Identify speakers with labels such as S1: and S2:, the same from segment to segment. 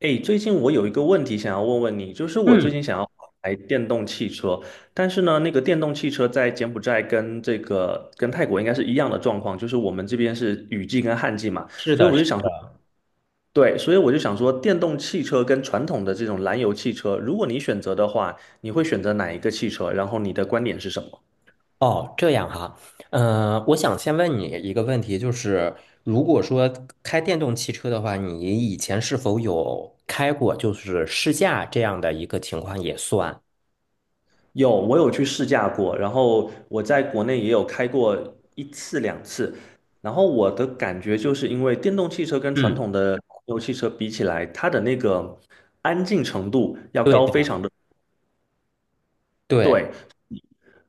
S1: 诶，最近我有一个问题想要问问你，就是我最
S2: 嗯，
S1: 近想要买电动汽车。但是呢，那个电动汽车在柬埔寨跟泰国应该是一样的状况，就是我们这边是雨季跟旱季嘛。
S2: 是
S1: 所以
S2: 的，
S1: 我
S2: 是。
S1: 就想说，对，所以我就想说，电动汽车跟传统的这种燃油汽车，如果你选择的话，你会选择哪一个汽车？然后你的观点是什么？
S2: 哦，这样哈。我想先问你一个问题，就是如果说开电动汽车的话，你以前是否有开过就是试驾这样的一个情况也算？
S1: 有，我有去试驾过，然后我在国内也有开过一次两次。然后我的感觉就是因为电动汽车跟传
S2: 嗯，
S1: 统的汽油汽车比起来，它的那个安静程度要高非
S2: 对
S1: 常的。
S2: 对
S1: 对，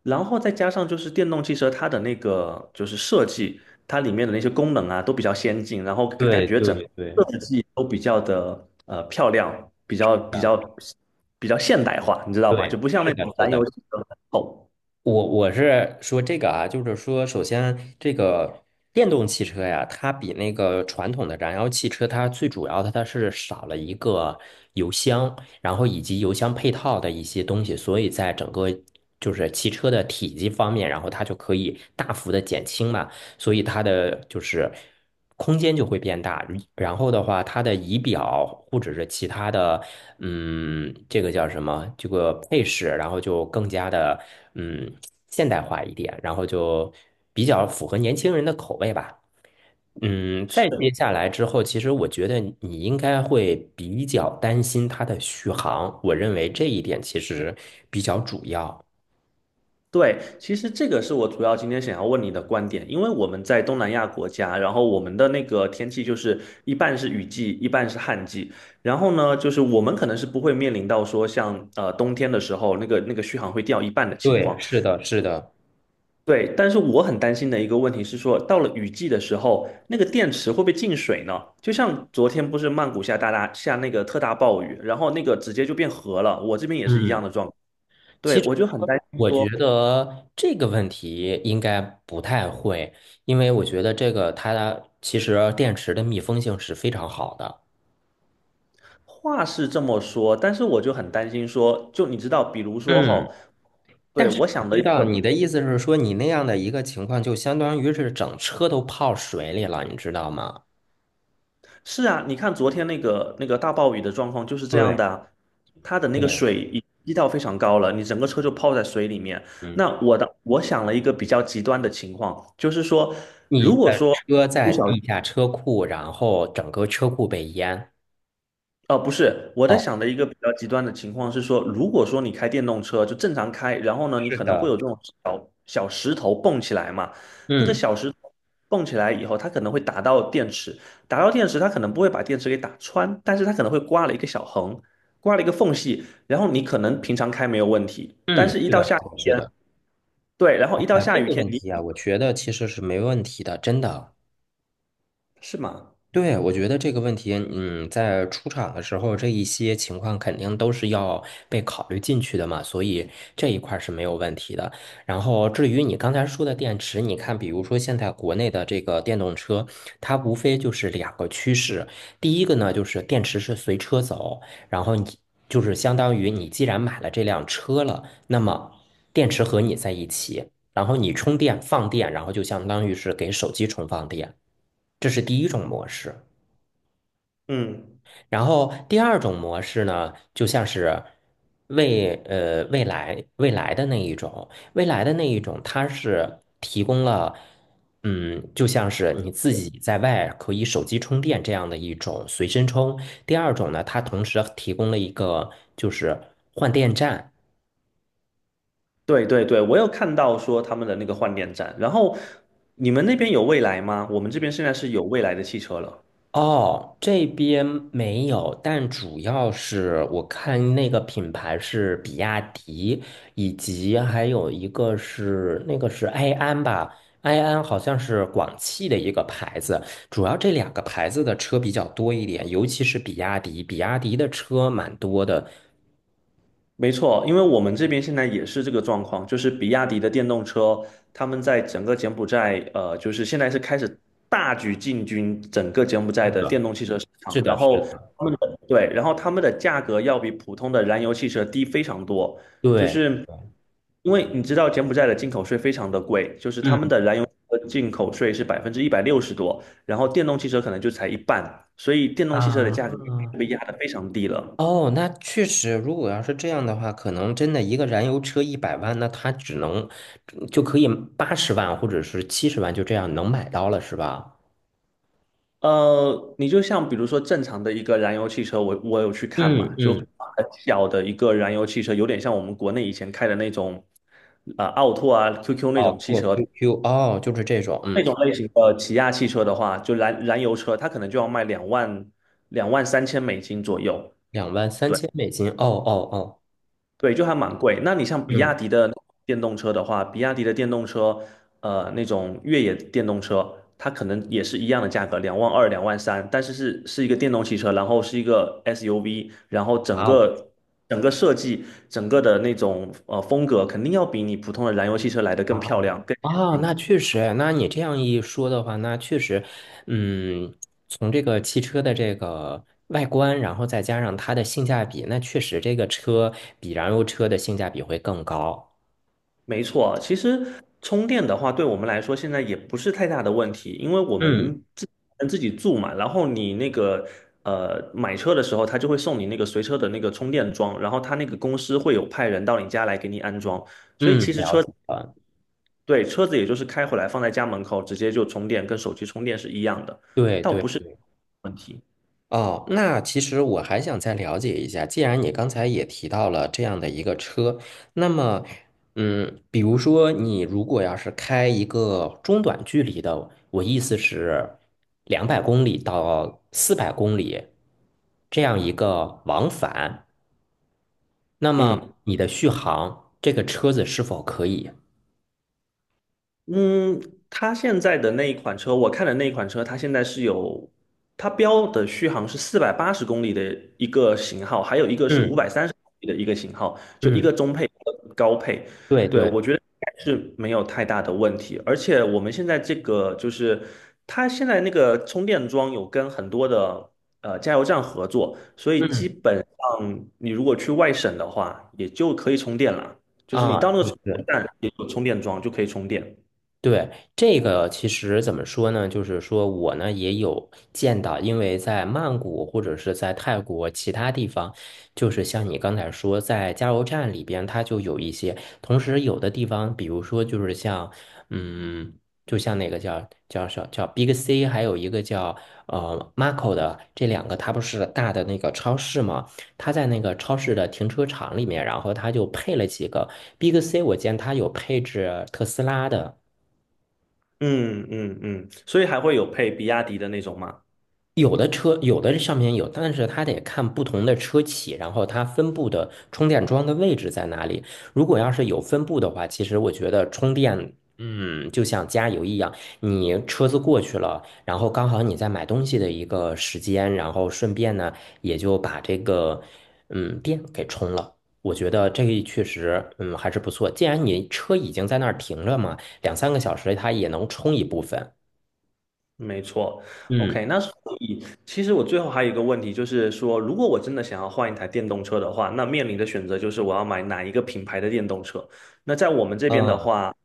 S1: 然后再加上就是电动汽车它的那个就是设计，它里面的那些功能啊都比较先进，然后感感
S2: 对
S1: 觉整个
S2: 对对，
S1: 设计都比较的漂亮，
S2: 啊，
S1: 比较现代化，你知道吧？就
S2: 对，
S1: 不像
S2: 是
S1: 那
S2: 的，
S1: 种
S2: 是
S1: 燃油
S2: 的。
S1: 汽车很丑。
S2: 我是说这个啊，就是说，首先这个电动汽车呀，它比那个传统的燃油汽车，它最主要的它是少了一个油箱，然后以及油箱配套的一些东西，所以在整个就是汽车的体积方面，然后它就可以大幅的减轻嘛。所以它的就是空间就会变大。然后的话，它的仪表或者是其他的，这个叫什么？这个配饰，然后就更加的嗯现代化一点，然后就比较符合年轻人的口味吧。再接下来之后，其实我觉得你应该会比较担心它的续航，我认为这一点其实比较主要。
S1: 对，其实这个是我主要今天想要问你的观点，因为我们在东南亚国家，然后我们的那个天气就是一半是雨季，一半是旱季。然后呢，就是我们可能是不会面临到说像冬天的时候那个续航会掉一半的情
S2: 对，
S1: 况。
S2: 是的，是的，
S1: 对，但是我很担心的一个问题是说，到了雨季的时候，那个电池会不会进水呢？就像昨天不是曼谷下大大下那个特大暴雨，然后那个直接就变河了，我这边也是一样
S2: 嗯。
S1: 的状况。对，
S2: 其实
S1: 我就很担心
S2: 我觉
S1: 说。
S2: 得这个问题应该不太会，因为我觉得这个它其实电池的密封性是非常好的。
S1: 话是这么说，但是我就很担心说，就你知道，比如说哈，
S2: 嗯，但
S1: 对，
S2: 是
S1: 我
S2: 我
S1: 想的
S2: 知道你的意思是说，你那样的一个情况，就相当于是整车都泡水里了，你知道吗？
S1: 是啊，你看昨天那个大暴雨的状况就是这样
S2: 对
S1: 的啊。它的那个
S2: 对，
S1: 水已积到非常高了，你整个车就泡在水里面。
S2: 嗯，
S1: 那我想了一个比较极端的情况，就是说，
S2: 你
S1: 如果
S2: 的
S1: 说
S2: 车在
S1: 不小。
S2: 地下车库，然后整个车库被淹。
S1: 哦，不是，我在
S2: 哦，
S1: 想的一个比较极端的情况是说，如果说你开电动车就正常开，然后呢，你
S2: 是
S1: 可能会有
S2: 的，
S1: 这种小小石头蹦起来嘛。那个
S2: 嗯
S1: 小石头蹦起来以后，它可能会打到电池，打到电池，它可能不会把电池给打穿，但是它可能会刮了一个小横，刮了一个缝隙，然后你可能平常开没有问题，但
S2: 嗯，
S1: 是一
S2: 是
S1: 到
S2: 的，
S1: 下
S2: 是
S1: 雨
S2: 的，是
S1: 天，
S2: 的。
S1: 对，然后一到
S2: 啊，
S1: 下
S2: 这
S1: 雨
S2: 个
S1: 天
S2: 问
S1: 你
S2: 题啊，我觉得其实是没问题的，真的。
S1: 是吗？
S2: 对，我觉得这个问题，在出厂的时候，这一些情况肯定都是要被考虑进去的嘛，所以这一块儿是没有问题的。然后，至于你刚才说的电池，你看，比如说现在国内的这个电动车，它无非就是两个趋势，第一个呢，就是电池是随车走，然后你就是相当于你既然买了这辆车了，那么电池和你在一起，然后你充电放电，然后就相当于是给手机充放电，这是第一种模式。
S1: 嗯。
S2: 然后第二种模式呢，就像是未来的那一种它是提供了就像是你自己在外可以手机充电这样的一种随身充。第二种呢，它同时提供了一个就是换电站。
S1: 对对对，我有看到说他们的那个换电站。然后你们那边有未来吗？我们这边现在是有未来的汽车了。
S2: 哦，这边没有，但主要是我看那个品牌是比亚迪，以及还有一个是那个是埃安吧，埃安好像是广汽的一个牌子，主要这两个牌子的车比较多一点，尤其是比亚迪，比亚迪的车蛮多的。
S1: 没错，因为我们这边现在也是这个状况，就是比亚迪的电动车，他们在整个柬埔寨，就是现在是开始大举进军整个柬埔寨
S2: 是
S1: 的电
S2: 的，
S1: 动汽车市场。
S2: 是
S1: 然
S2: 的，是
S1: 后
S2: 的，
S1: 他们的，对，然后他们的价格要比普通的燃油汽车低非常多，就
S2: 对，
S1: 是因为你知道柬埔寨的进口税非常的贵，就是他们
S2: 嗯
S1: 的燃油车进口税是160%多，然后电动汽车可能就才一半，所以电动汽车的
S2: 啊，
S1: 价格被压得非常低了。
S2: 哦，那确实，如果要是这样的话，可能真的一个燃油车100万，那它就可以80万或者是70万，就这样能买到了，是吧？
S1: 你就像比如说正常的一个燃油汽车，我有去看嘛，
S2: 嗯
S1: 就很
S2: 嗯，
S1: 小的一个燃油汽车，有点像我们国内以前开的那种，啊，奥拓啊、QQ 那
S2: 哦，
S1: 种汽
S2: 做
S1: 车，
S2: QQ,哦，就是这种，嗯，
S1: 那种类型的起亚汽车的话，就燃油车，它可能就要卖2万 2.3万美金左右。
S2: 两万三
S1: 对。
S2: 千美金，哦哦哦，
S1: 对，就还蛮贵。那你像比亚
S2: 嗯，
S1: 迪的电动车的话，比亚迪的电动车，那种越野电动车，它可能也是一样的价格，2.2万、2.3万，但是是一个电动汽车，然后是一个 SUV。然后整
S2: 哇哦
S1: 个整个设计、整个的那种风格，肯定要比你普通的燃油汽车来的
S2: 哇
S1: 更漂
S2: 哦，
S1: 亮。更。
S2: 哦，那确实，那你这样一说的话，那确实，嗯，从这个汽车的这个外观，然后再加上它的性价比，那确实这个车比燃油车的性价比会更高。
S1: 没错，其实充电的话，对我们来说现在也不是太大的问题，因为我
S2: 嗯
S1: 们自己住嘛。然后你那个买车的时候，他就会送你那个随车的那个充电桩，然后他那个公司会有派人到你家来给你安装，所以
S2: 嗯，
S1: 其实
S2: 了
S1: 车。
S2: 解了，
S1: 对，车子也就是开回来放在家门口，直接就充电，跟手机充电是一样的
S2: 对对对。
S1: 问题。
S2: 哦，那其实我还想再了解一下，既然你刚才也提到了这样的一个车，那么，比如说你如果要是开一个中短距离的，我意思是200公里到400公里这样一个往返，那么
S1: 嗯。
S2: 你的续航，这个车子是否可以？
S1: 嗯，它现在的那一款车，我看的那一款车，它现在是有，它标的续航是480公里的一个型号，还有一个是五
S2: 嗯
S1: 百三十公里的一个型号，就一
S2: 嗯，
S1: 个中配，一个高配。
S2: 对
S1: 对，
S2: 对，
S1: 我觉得应该是没有太大的问题。而且我们现在这个就是它现在那个充电桩有跟很多的加油站合作，所以基
S2: 嗯
S1: 本上你如果去外省的话，也就可以充电了，就是你
S2: 啊，
S1: 到那个
S2: 对
S1: 充电
S2: 对。
S1: 站也有充电桩就可以充电。
S2: 对，这个其实怎么说呢？就是说我呢也有见到，因为在曼谷或者是在泰国其他地方，就是像你刚才说，在加油站里边，它就有一些。同时，有的地方，比如说就是像，嗯，就像那个叫 Big C,还有一个叫Marco 的，这两个它不是大的那个超市嘛？它在那个超市的停车场里面，然后它就配了几个 Big C,我见它有配置特斯拉的。
S1: 嗯嗯嗯，所以还会有配比亚迪的那种吗？
S2: 有的车有的上面有，但是它得看不同的车企，然后它分布的充电桩的位置在哪里。如果要是有分布的话，其实我觉得充电，就像加油一样，你车子过去了，然后刚好你在买东西的一个时间，然后顺便呢也就把这个电给充了。我觉得这个确实，还是不错。既然你车已经在那儿停着嘛，两三个小时它也能充一部分。
S1: 没错
S2: 嗯
S1: ，OK，那所以其实我最后还有一个问题，就是说，如果我真的想要换一台电动车的话，那面临的选择就是我要买哪一个品牌的电动车。那在我们这边的
S2: 嗯
S1: 话，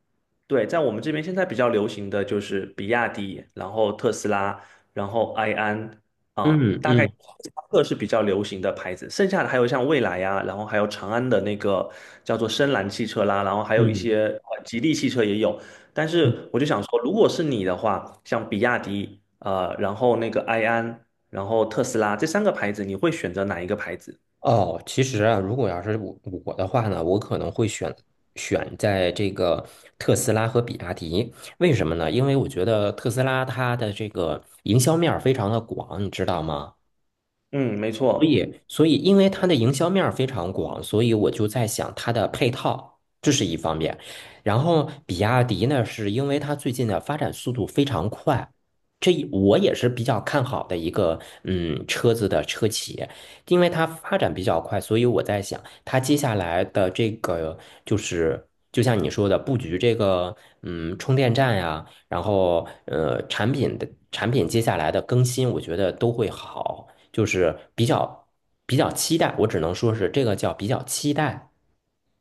S1: 对，在我们这边现在比较流行的就是比亚迪，然后特斯拉，然后埃安啊，
S2: 嗯
S1: 大概
S2: 嗯
S1: 这三个是比较流行的牌子。剩下的还有像蔚来呀、然后还有长安的那个叫做深蓝汽车啦，然后还有一
S2: 嗯。
S1: 些吉利汽车也有。但
S2: 嗯
S1: 是我就想说，如果是你的话，像比亚迪，然后那个埃安，然后特斯拉这三个牌子，你会选择哪一个牌子？
S2: 哦，其实啊，如果要是我的话呢，我可能会选在这个特斯拉和比亚迪。为什么呢？因为我觉得特斯拉它的这个营销面儿非常的广，你知道吗？
S1: 嗯，没
S2: 所
S1: 错。
S2: 以，所以因为它的营销面儿非常广，所以我就在想它的配套，这是一方面。然后，比亚迪呢，是因为它最近的发展速度非常快，这一我也是比较看好的一个车子的车企，因为它发展比较快，所以我在想它接下来的这个就是就像你说的布局这个充电站呀，然后产品接下来的更新，我觉得都会好。就是比较期待，我只能说是这个叫比较期待。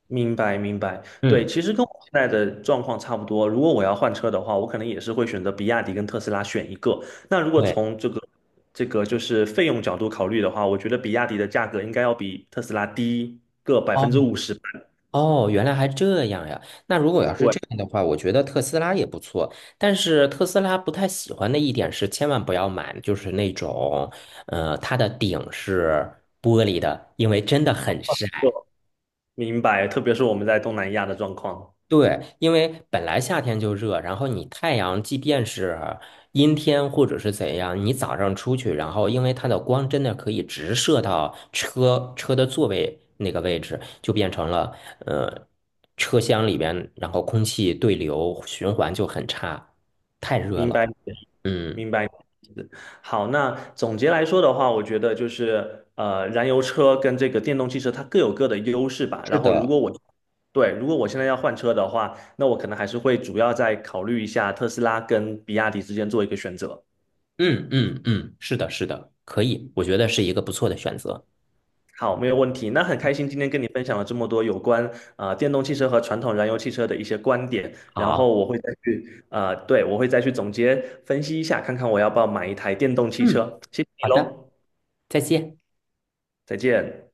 S1: 明白明白。对，
S2: 嗯，
S1: 其实跟我现在的状况差不多。如果我要换车的话，我可能也是会选择比亚迪跟特斯拉选一个。那如果
S2: 对，
S1: 从这个就是费用角度考虑的话，我觉得比亚迪的价格应该要比特斯拉低个百分之
S2: 哦
S1: 五十。
S2: 哦，原来还这样呀。那如果要是
S1: 对，
S2: 这样的话，我觉得特斯拉也不错。但是特斯拉不太喜欢的一点是，千万不要买，就是那种，它的顶是玻璃的，因为真的很晒。
S1: 就明白。特别是我们在东南亚的状况，
S2: 对，因为本来夏天就热，然后你太阳即便是阴天或者是怎样，你早上出去，然后因为它的光真的可以直射到车的座位那个位置，就变成了呃车厢里边，然后空气对流循环就很差，太热
S1: 明
S2: 了。
S1: 白
S2: 嗯，
S1: 明白。好，那总结来说的话，我觉得就是燃油车跟这个电动汽车它各有各的优势吧。
S2: 是的，
S1: 如果我现在要换车的话，那我可能还是会主要再考虑一下特斯拉跟比亚迪之间做一个选择。
S2: 嗯嗯嗯，是的，是的，可以，我觉得是一个不错的选择。
S1: 好，没有问题。那很开心今天跟你分享了这么多有关电动汽车和传统燃油汽车的一些观点。
S2: 好，
S1: 我会再去总结分析一下，看看我要不要买一台电动汽
S2: 嗯，
S1: 车。谢谢你
S2: 好的，
S1: 喽，
S2: 再见。
S1: 再见。